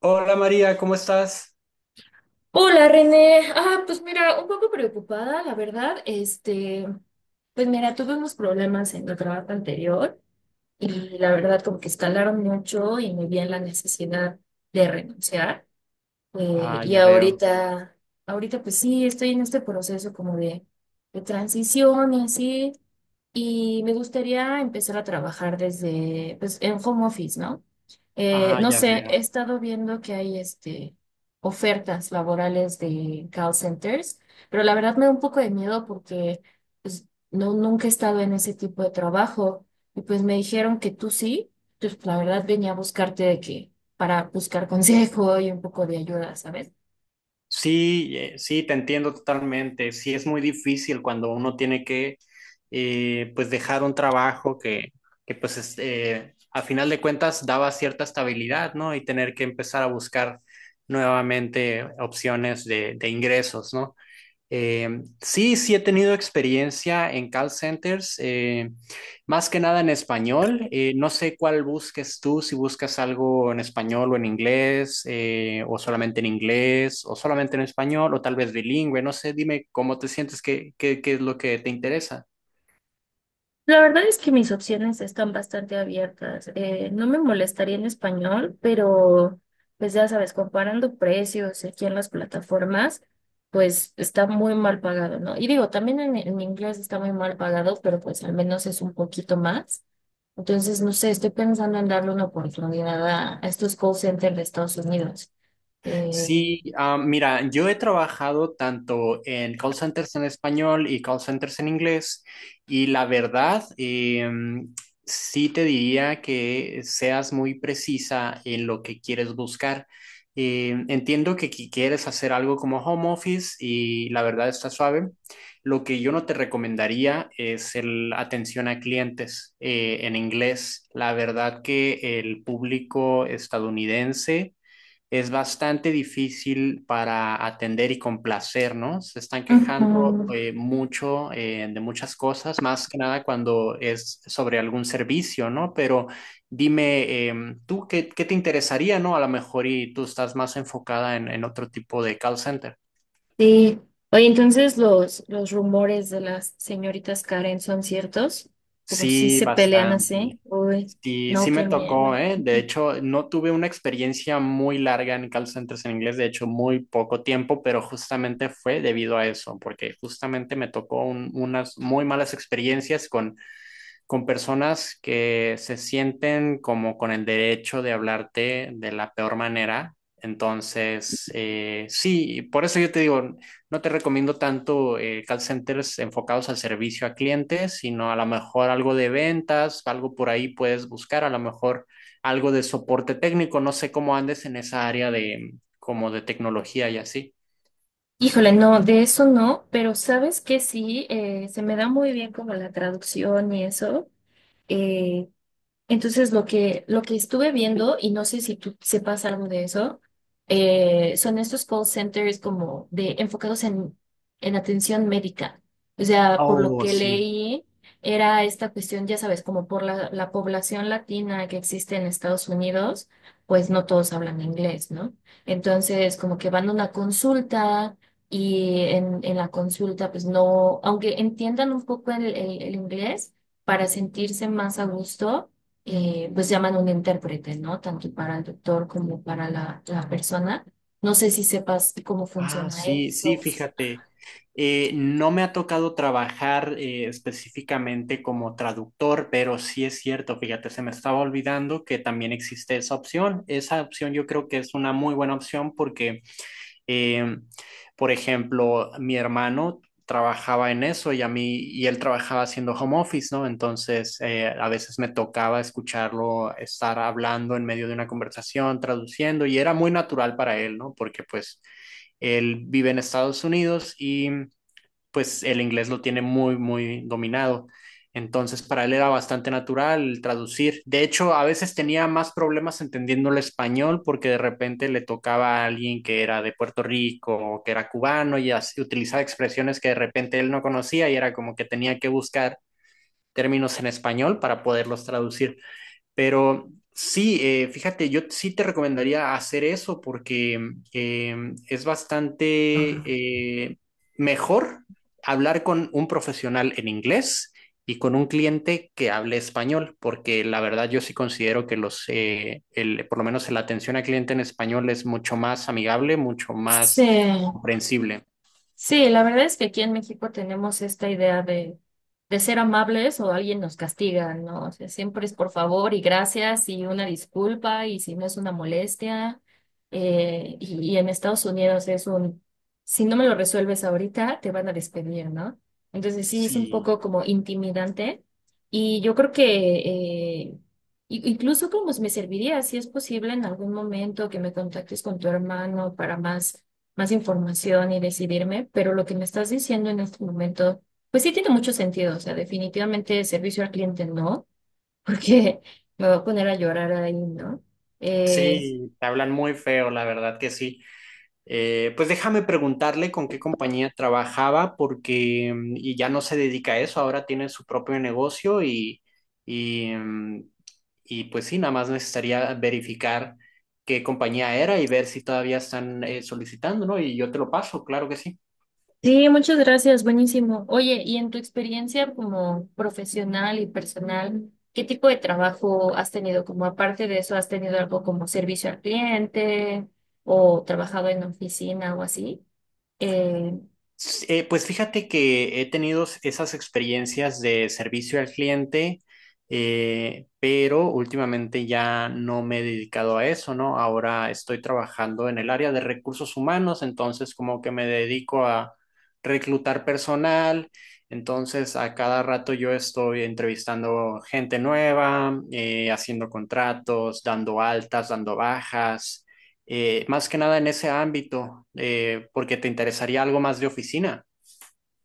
Hola María, ¿cómo estás? Hola René, pues mira, un poco preocupada, la verdad. Pues mira, tuve unos problemas en el trabajo anterior y la verdad como que escalaron mucho y me vi en la necesidad de renunciar. Eh, Ah, y ya veo. ahorita, Ahorita pues sí, estoy en este proceso como de transición y así. Y me gustaría empezar a trabajar desde, pues, en home office, ¿no? Ah, No ya sé, he veo. estado viendo que hay ofertas laborales de call centers, pero la verdad me da un poco de miedo porque, pues, no, nunca he estado en ese tipo de trabajo y pues me dijeron que tú sí. Entonces pues, la verdad venía a buscarte de que para buscar consejo y un poco de ayuda, ¿sabes? Sí, sí, te entiendo totalmente. Sí, es muy difícil cuando uno tiene que, pues, dejar un trabajo que pues, es, a final de cuentas daba cierta estabilidad, ¿no? Y tener que empezar a buscar nuevamente opciones de ingresos, ¿no? Sí, sí he tenido experiencia en call centers, más que nada en español. No sé cuál busques tú, si buscas algo en español o en inglés, o solamente en inglés, o solamente en español, o tal vez bilingüe. No sé, dime cómo te sientes, qué es lo que te interesa. La verdad es que mis opciones están bastante abiertas. No me molestaría en español, pero pues ya sabes, comparando precios aquí en las plataformas, pues está muy mal pagado, ¿no? Y digo, también en inglés está muy mal pagado, pero pues al menos es un poquito más. Entonces, no sé, estoy pensando en darle una oportunidad a estos call centers de Estados Unidos. Eh, Sí, ah, mira, yo he trabajado tanto en call centers en español y call centers en inglés y la verdad, sí te diría que seas muy precisa en lo que quieres buscar. Entiendo que quieres hacer algo como home office y la verdad está suave. Lo que yo no te recomendaría es el atención a clientes en inglés. La verdad que el público estadounidense es bastante difícil para atender y complacer, ¿no? Se están quejando ujú. Mucho de muchas cosas, más que nada cuando es sobre algún servicio, ¿no? Pero dime, ¿tú qué te interesaría? ¿No? A lo mejor y tú estás más enfocada en, otro tipo de call center. Sí. Oye, entonces los rumores de las señoritas Karen son ciertos, como si Sí, se pelean así. bastante. Uy, Sí, no, sí me qué miedo. tocó, ¿eh? De hecho, no tuve una experiencia muy larga en call centers en inglés, de hecho, muy poco tiempo, pero justamente fue debido a eso, porque justamente me tocó unas muy malas experiencias con personas que se sienten como con el derecho de hablarte de la peor manera. Entonces, sí, por eso yo te digo, no te recomiendo tanto call centers enfocados al servicio a clientes, sino a lo mejor algo de ventas, algo por ahí puedes buscar, a lo mejor algo de soporte técnico, no sé cómo andes en esa área de como de tecnología y así. Híjole, no, de eso no, pero sabes que sí, se me da muy bien como la traducción y eso. Eh, Entonces, lo que estuve viendo, y no sé si tú sepas algo de eso, son estos call centers como de enfocados en atención médica. O sea, por lo Oh, que sí. leí, era esta cuestión, ya sabes, como por la población latina que existe en Estados Unidos, pues no todos hablan inglés, ¿no? Entonces, como que van a una consulta y en la consulta, pues no, aunque entiendan un poco el inglés, para sentirse más a gusto, pues llaman un intérprete, ¿no? Tanto para el doctor como para la persona. No sé si sepas cómo Ah, funciona sí, sí, eso. fíjate. No me ha tocado trabajar específicamente como traductor, pero sí es cierto, fíjate, se me estaba olvidando que también existe esa opción. Esa opción yo creo que es una muy buena opción porque eh, por ejemplo, mi hermano trabajaba en eso y a mí, y él trabajaba haciendo home office, ¿no? Entonces, a veces me tocaba escucharlo estar hablando en medio de una conversación, traduciendo, y era muy natural para él, ¿no? Porque pues él vive en Estados Unidos y pues el inglés lo tiene muy, muy dominado. Entonces, para él era bastante natural el traducir. De hecho, a veces tenía más problemas entendiendo el español porque de repente le tocaba a alguien que era de Puerto Rico o que era cubano y así, utilizaba expresiones que de repente él no conocía y era como que tenía que buscar términos en español para poderlos traducir. Pero sí, fíjate, yo sí te recomendaría hacer eso porque es bastante mejor hablar con un profesional en inglés y con un cliente que hable español, porque la verdad yo sí considero que por lo menos la atención al cliente en español es mucho más amigable, mucho Sí. más comprensible. Sí, la verdad es que aquí en México tenemos esta idea de ser amables o alguien nos castiga, ¿no? O sea, siempre es por favor y gracias y una disculpa y si no es una molestia. Y en Estados Unidos es un, si no me lo resuelves ahorita, te van a despedir, ¿no? Entonces sí, es un Sí, poco como intimidante, y yo creo que, eh, incluso como me serviría, si es posible en algún momento, que me contactes con tu hermano para más información y decidirme. Pero lo que me estás diciendo en este momento pues sí tiene mucho sentido. O sea, definitivamente servicio al cliente no, porque me voy a poner a llorar ahí, ¿no? Eh, sí, te hablan muy feo, la verdad que sí. Pues déjame preguntarle con qué compañía trabajaba porque y ya no se dedica a eso, ahora tiene su propio negocio y, mm, y pues sí, nada más necesitaría verificar qué compañía era y ver si todavía están solicitando, ¿no? Y yo te lo paso, claro que sí. sí, muchas gracias, buenísimo. Oye, y en tu experiencia como profesional y personal, ¿qué tipo de trabajo has tenido? Como aparte de eso, ¿has tenido algo como servicio al cliente o trabajado en oficina o así? Eh, Pues fíjate que he tenido esas experiencias de servicio al cliente, pero últimamente ya no me he dedicado a eso, ¿no? Ahora estoy trabajando en el área de recursos humanos, entonces como que me dedico a reclutar personal, entonces a cada rato yo estoy entrevistando gente nueva, haciendo contratos, dando altas, dando bajas más que nada en ese ámbito, porque te interesaría algo más de oficina.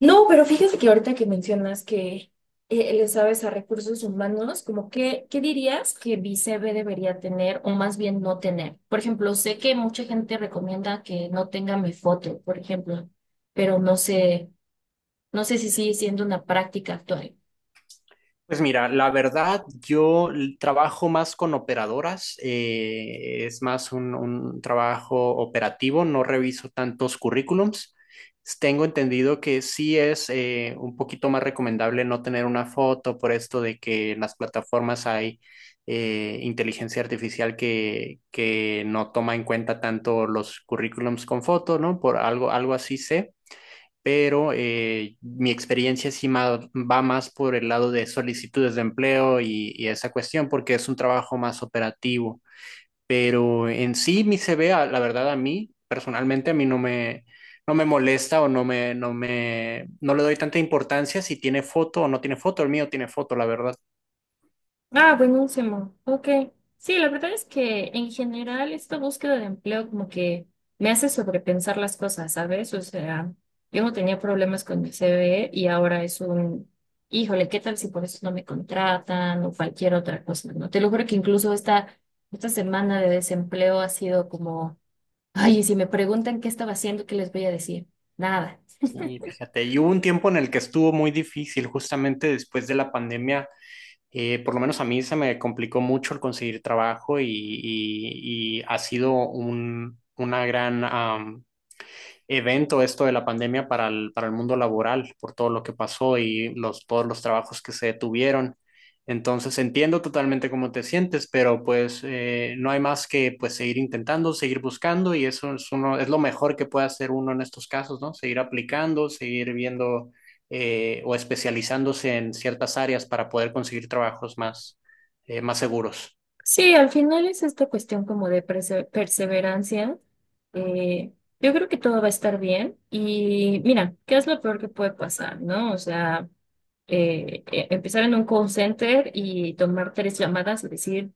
No, pero fíjate que ahorita que mencionas que, le sabes a recursos humanos, como que, ¿qué dirías que Bicebe debería tener o más bien no tener? Por ejemplo, sé que mucha gente recomienda que no tenga mi foto, por ejemplo, pero no sé, no sé si sigue siendo una práctica actual. Pues mira, la verdad, yo trabajo más con operadoras, es más un trabajo operativo, no reviso tantos currículums. Tengo entendido que sí es un poquito más recomendable no tener una foto por esto de que en las plataformas hay inteligencia artificial que no toma en cuenta tanto los currículums con foto, ¿no? Por algo así sé. Pero mi experiencia sí va más por el lado de solicitudes de empleo y esa cuestión, porque es un trabajo más operativo. Pero en sí mi CV, la verdad, a mí, personalmente, a mí no me molesta o no le doy tanta importancia si tiene foto o no tiene foto. El mío tiene foto, la verdad. Ah, buenísimo. Ok. Sí, la verdad es que en general esta búsqueda de empleo como que me hace sobrepensar las cosas, ¿sabes? O sea, yo no tenía problemas con mi CV y ahora es un, híjole, ¿qué tal si por eso no me contratan o cualquier otra cosa, ¿no? Te lo juro que incluso esta semana de desempleo ha sido como, ay, y si me preguntan qué estaba haciendo, ¿qué les voy a decir? Nada. Sí, fíjate. Y hubo un tiempo en el que estuvo muy difícil, justamente después de la pandemia. Por lo menos a mí se me complicó mucho el conseguir trabajo y ha sido una gran, evento esto de la pandemia para el mundo laboral, por todo lo que pasó y todos los trabajos que se detuvieron. Entonces entiendo totalmente cómo te sientes, pero pues no hay más que pues seguir intentando, seguir buscando y eso es, uno, es lo mejor que puede hacer uno en estos casos, ¿no? Seguir aplicando, seguir viendo o especializándose en ciertas áreas para poder conseguir trabajos más, más seguros. Sí, al final es esta cuestión como de perseverancia. Eh, yo creo que todo va a estar bien y mira, ¿qué es lo peor que puede pasar, no? O sea, empezar en un call center y tomar tres llamadas y decir,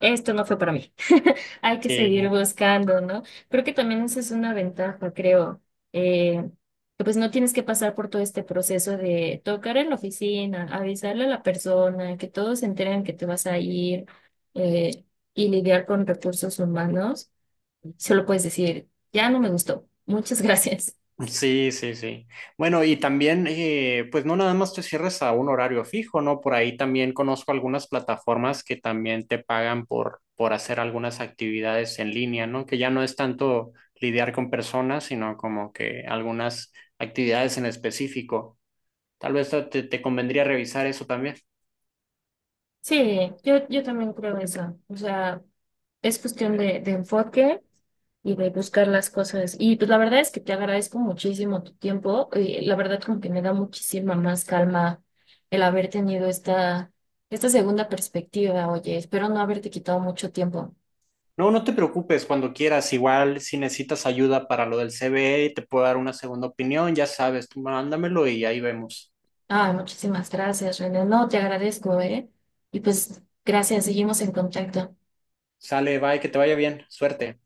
esto no fue para mí. Hay que seguir Sí, buscando, ¿no? Creo que también esa es una ventaja, creo. Eh, que pues no tienes que pasar por todo este proceso de tocar en la oficina, avisarle a la persona, que todos se enteren que te vas a ir, eh, y lidiar con recursos humanos. Solo puedes decir, ya no me gustó. Muchas gracias. sí, sí, sí. Bueno, y también, pues no nada más te cierres a un horario fijo, ¿no? Por ahí también conozco algunas plataformas que también te pagan por hacer algunas actividades en línea, ¿no? Que ya no es tanto lidiar con personas, sino como que algunas actividades en específico. Tal vez te convendría revisar eso también. Sí, yo también creo eso. O sea, es cuestión de enfoque y de buscar las cosas. Y pues la verdad es que te agradezco muchísimo tu tiempo. Y la verdad como que me da muchísima más calma el haber tenido esta segunda perspectiva. Oye, espero no haberte quitado mucho tiempo. No, no te preocupes, cuando quieras, igual si necesitas ayuda para lo del C CBE, te puedo dar una segunda opinión, ya sabes, tú mándamelo y ahí vemos. Ah, muchísimas gracias, René. No, te agradezco, ¿eh? Y pues gracias, seguimos en contacto. Sale, bye, que te vaya bien, suerte.